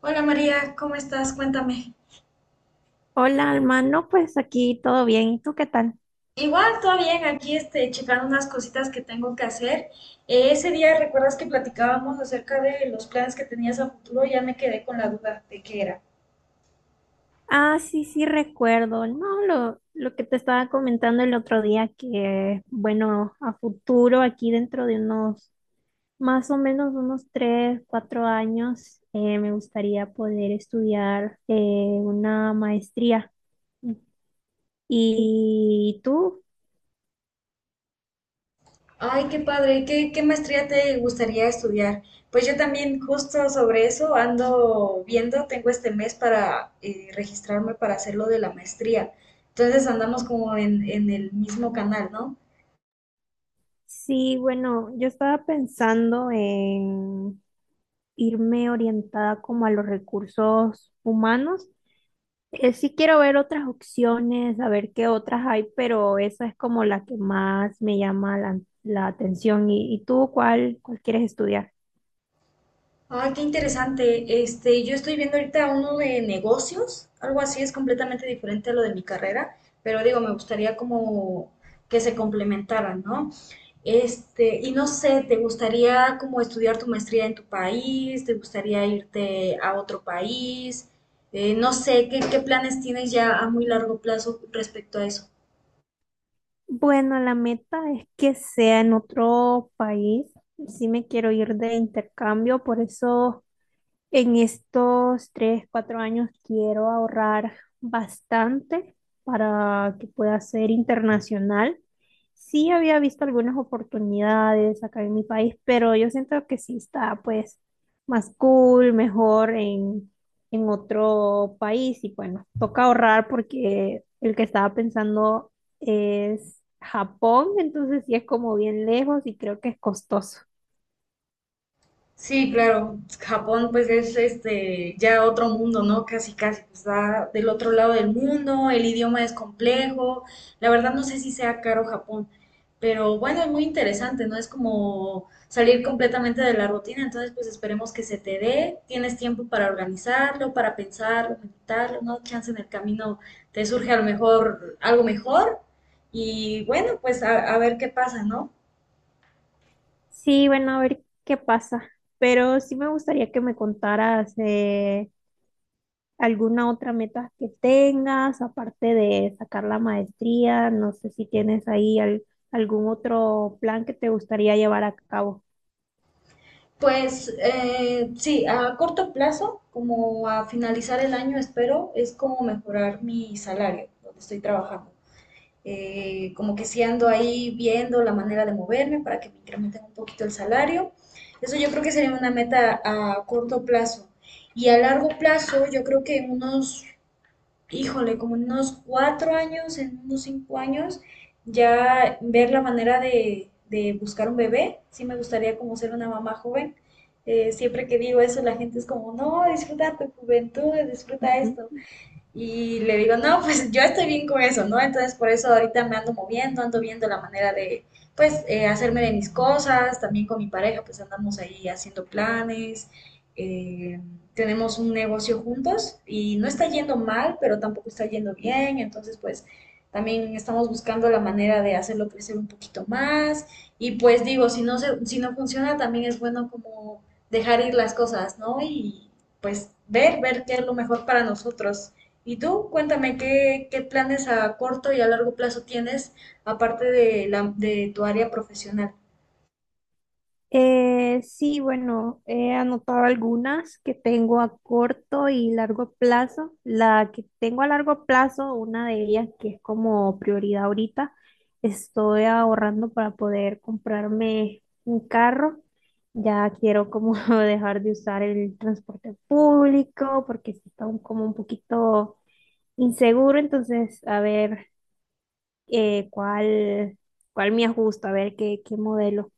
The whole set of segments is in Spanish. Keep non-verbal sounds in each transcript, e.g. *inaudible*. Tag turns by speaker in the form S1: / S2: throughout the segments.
S1: Hola María, ¿cómo estás? Cuéntame.
S2: Hola, Alma. No, pues aquí todo bien. ¿Y tú qué tal?
S1: Igual, todo bien, aquí checando unas cositas que tengo que hacer. Ese día, ¿recuerdas que platicábamos acerca de los planes que tenías a futuro? Ya me quedé con la duda de qué era.
S2: Ah, sí, sí, recuerdo. No, lo que te estaba comentando el otro día, que bueno, a futuro, aquí dentro de unos, más o menos unos tres, cuatro años, me gustaría poder estudiar una maestría. ¿Y tú?
S1: Ay, qué padre, ¿qué maestría te gustaría estudiar? Pues yo también justo sobre eso ando viendo, tengo este mes para registrarme para hacer lo de la maestría. Entonces andamos como en el mismo canal, ¿no?
S2: Sí, bueno, yo estaba pensando en irme orientada como a los recursos humanos. Sí quiero ver otras opciones, a ver qué otras hay, pero esa es como la que más me llama la atención. ¿Y tú cuál quieres estudiar?
S1: Ay, qué interesante. Yo estoy viendo ahorita uno de negocios, algo así es completamente diferente a lo de mi carrera, pero digo, me gustaría como que se complementaran, ¿no? Y no sé, ¿te gustaría como estudiar tu maestría en tu país? ¿Te gustaría irte a otro país? No sé, ¿qué planes tienes ya a muy largo plazo respecto a eso?
S2: Bueno, la meta es que sea en otro país. Sí me quiero ir de intercambio, por eso en estos tres, cuatro años quiero ahorrar bastante para que pueda ser internacional. Sí había visto algunas oportunidades acá en mi país, pero yo siento que sí está pues más cool, mejor en otro país y bueno, toca ahorrar porque el que estaba pensando es Japón, entonces sí es como bien lejos y creo que es costoso.
S1: Sí, claro. Japón pues es ya otro mundo, ¿no? Casi casi pues, está del otro lado del mundo, el idioma es complejo. La verdad no sé si sea caro Japón, pero bueno, es muy interesante, ¿no? Es como salir completamente de la rutina, entonces pues esperemos que se te dé, tienes tiempo para organizarlo, para pensarlo, meditarlo, ¿no? Chance en el camino te surge a lo mejor algo mejor y bueno, pues a ver qué pasa, ¿no?
S2: Sí, bueno, a ver qué pasa, pero sí me gustaría que me contaras alguna otra meta que tengas, aparte de sacar la maestría, no sé si tienes ahí algún otro plan que te gustaría llevar a cabo.
S1: Pues sí, a corto plazo, como a finalizar el año, espero, es como mejorar mi salario donde estoy trabajando. Como que si ando ahí viendo la manera de moverme para que me incrementen un poquito el salario. Eso yo creo que sería una meta a corto plazo. Y a largo plazo, yo creo que en unos híjole, como en unos 4 años, en unos 5 años, ya ver la manera de buscar un bebé. Sí me gustaría como ser una mamá joven. Siempre que digo eso, la gente es como, no, disfruta tu juventud, disfruta
S2: Ujú.
S1: esto. Y le digo, no, pues yo estoy bien con eso, ¿no? Entonces por eso ahorita me ando moviendo, ando viendo la manera de, pues, hacerme de mis cosas, también con mi pareja, pues andamos ahí haciendo planes, eh, tenemos un negocio juntos y no está yendo mal, pero tampoco está yendo bien, entonces pues también estamos buscando la manera de hacerlo crecer un poquito más y pues digo, si no funciona, también es bueno como dejar ir las cosas, ¿no? Y pues ver qué es lo mejor para nosotros. Y tú, cuéntame, ¿qué planes a corto y a largo plazo tienes aparte de tu área profesional?
S2: Sí, bueno, he anotado algunas que tengo a corto y largo plazo. La que tengo a largo plazo, una de ellas que es como prioridad ahorita, estoy ahorrando para poder comprarme un carro. Ya quiero como *laughs* dejar de usar el transporte público porque sí está como un poquito inseguro, entonces a ver eh, cuál, cuál me ajusta, a ver qué modelo.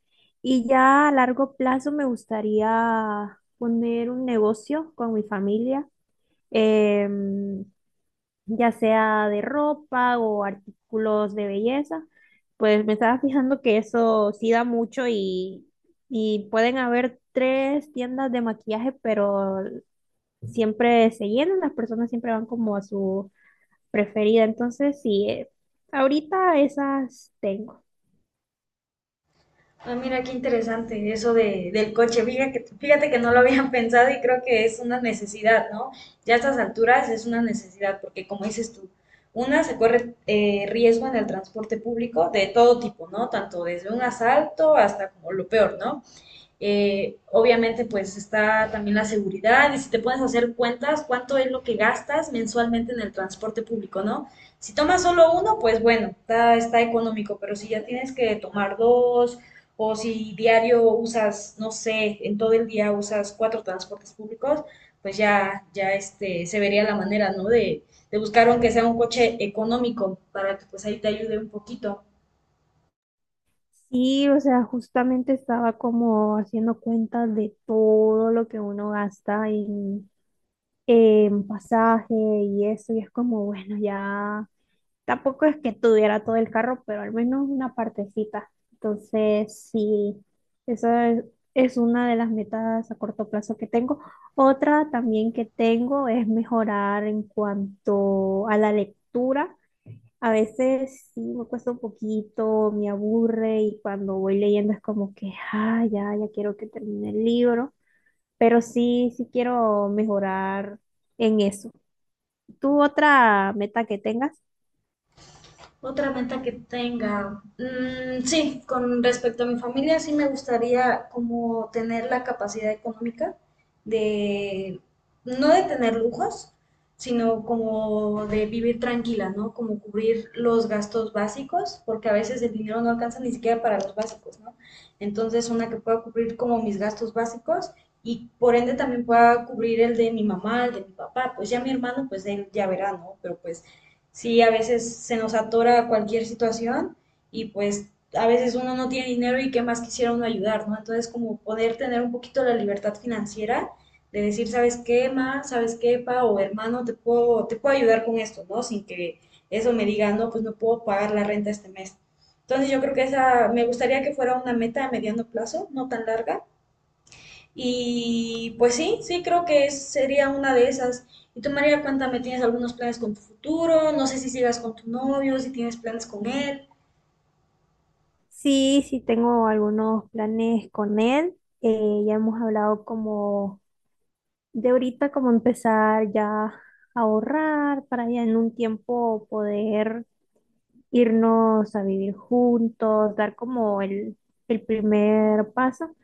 S2: Y ya a largo plazo me gustaría poner un negocio con mi familia, em, ya sea de ropa o artículos de belleza. Pues me estaba fijando que eso sí da mucho y pueden haber tres tiendas de maquillaje, pero siempre se llenan, las personas siempre van como a su preferida. Entonces, sí, ahorita esas tengo.
S1: Ah, mira, qué interesante eso de, del coche. Fíjate que no lo habían *laughs* pensado y creo que es una necesidad, ¿no? Ya a estas alturas es una necesidad porque, como dices tú, una se corre riesgo en el transporte público de todo tipo, ¿no? Tanto desde un asalto hasta como lo peor, ¿no? Obviamente, pues está también la seguridad y si te puedes hacer cuentas, cuánto es lo que gastas mensualmente en el transporte público, ¿no? Si tomas solo uno, pues bueno, está económico, pero si ya tienes que tomar dos o si diario usas, no sé, en todo el día usas cuatro transportes públicos, pues ya se vería la manera, ¿no? De buscar aunque sea un coche económico para que pues ahí te ayude un poquito.
S2: Sí, o sea, justamente estaba como haciendo cuentas de todo lo que uno gasta en pasaje y eso, y es como, bueno, ya tampoco es que tuviera todo el carro, pero al menos una partecita. Entonces, sí, esa es una de las metas a corto plazo que tengo. Otra también que tengo es mejorar en cuanto a la lectura. A veces sí me cuesta un poquito, me aburre y cuando voy leyendo es como que, ah, ya, ya quiero que termine el libro, pero sí, sí quiero mejorar en eso. ¿Tú otra meta que tengas?
S1: Otra meta que tenga. Mm, sí, con respecto a mi familia, sí me gustaría como tener la capacidad económica de, no de tener lujos, sino como de vivir tranquila, ¿no? Como cubrir los gastos básicos, porque a veces el dinero no alcanza ni siquiera para los básicos, ¿no? Entonces, una que pueda cubrir como mis gastos básicos y por ende también pueda cubrir el de mi mamá, el de mi papá, pues ya mi hermano, pues él ya verá, ¿no? Pero pues sí, a veces se nos atora cualquier situación y pues a veces uno no tiene dinero y qué más quisiera uno ayudar, ¿no? Entonces, como poder tener un poquito la libertad financiera de decir, ¿sabes qué, ma? ¿Sabes qué, pa? O hermano, te puedo ayudar con esto, ¿no? Sin que eso me diga, no, pues no puedo pagar la renta este mes. Entonces, yo creo que esa, me gustaría que fuera una meta a mediano plazo, no tan larga, y pues sí, sí, creo que sería una de esas. Y tú, María, cuéntame, ¿tienes algunos planes con tu futuro? No sé si sigas con tu novio, si tienes planes con él.
S2: Sí, sí tengo algunos planes con él. Ya hemos hablado como de ahorita, como empezar ya a ahorrar para ya en un tiempo poder irnos a vivir juntos, dar como el primer paso.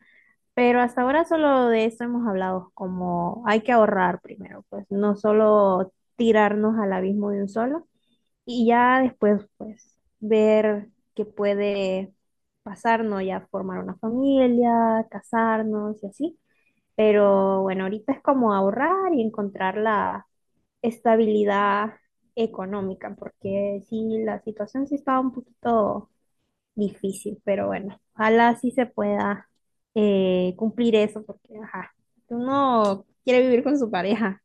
S2: Pero hasta ahora solo de eso hemos hablado, como hay que ahorrar primero, pues no solo tirarnos al abismo de un solo y ya después pues ver qué puede pasarnos, ya formar una familia, casarnos y así. Pero bueno, ahorita es como ahorrar y encontrar la estabilidad económica, porque sí, la situación sí estaba un poquito difícil, pero bueno, ojalá sí se pueda cumplir eso, porque ajá, si uno quiere vivir con su pareja.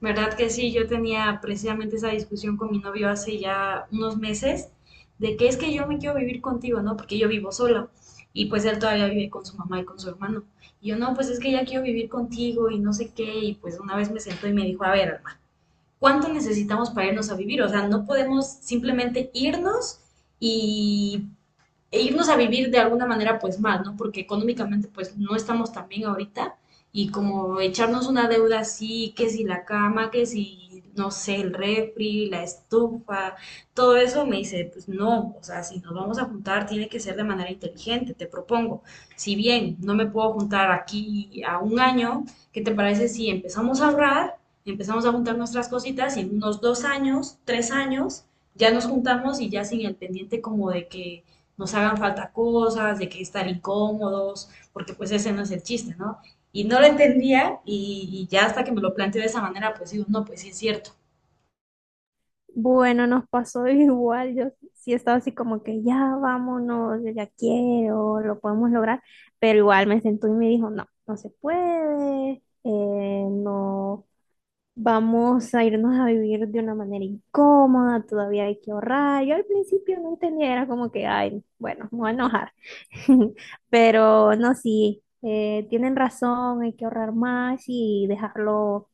S1: ¿Verdad que sí? Yo tenía precisamente esa discusión con mi novio hace ya unos meses de que es que yo me quiero vivir contigo, ¿no? Porque yo vivo sola y pues él todavía vive con su mamá y con su hermano. Y yo no, pues es que ya quiero vivir contigo y no sé qué. Y pues una vez me sentó y me dijo, a ver, cuánto necesitamos para irnos a vivir. O sea, no podemos simplemente irnos y irnos a vivir de alguna manera pues mal, ¿no? Porque económicamente pues no estamos tan bien ahorita y como echarnos una deuda así, que si la cama, que si, no sé, el refri, la estufa, todo eso me dice, pues no, o sea, si nos vamos a juntar tiene que ser de manera inteligente, te propongo. Si bien no me puedo juntar aquí a un año, ¿qué te parece si empezamos a ahorrar, empezamos a juntar nuestras cositas y en unos 2 años, 3 años, ya nos juntamos y ya sin el pendiente como de que nos hagan falta cosas, de que estar incómodos, porque pues ese no es el chiste, ¿no? Y no lo entendía y ya hasta que me lo planteé de esa manera, pues digo, no, pues sí es cierto.
S2: Bueno, nos pasó *laughs* igual, yo sí estaba así como que ya vámonos, yo ya quiero, lo podemos lograr, pero igual me sentó y me dijo, no, no se puede, no vamos a irnos a vivir de una manera incómoda, todavía hay que ahorrar. Yo al principio no entendía, era como que, ay, bueno, me voy a enojar. *laughs* Pero no, sí, tienen razón, hay que ahorrar más y dejarlo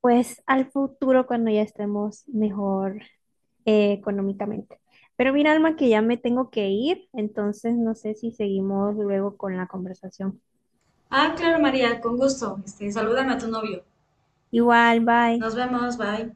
S2: pues al futuro cuando ya estemos mejor económicamente. Pero mira, Alma, que ya me tengo que ir, entonces no sé si seguimos luego con la conversación.
S1: Ah, claro, María, con gusto. Salúdame a tu novio.
S2: Igual, bye.
S1: Nos vemos, bye.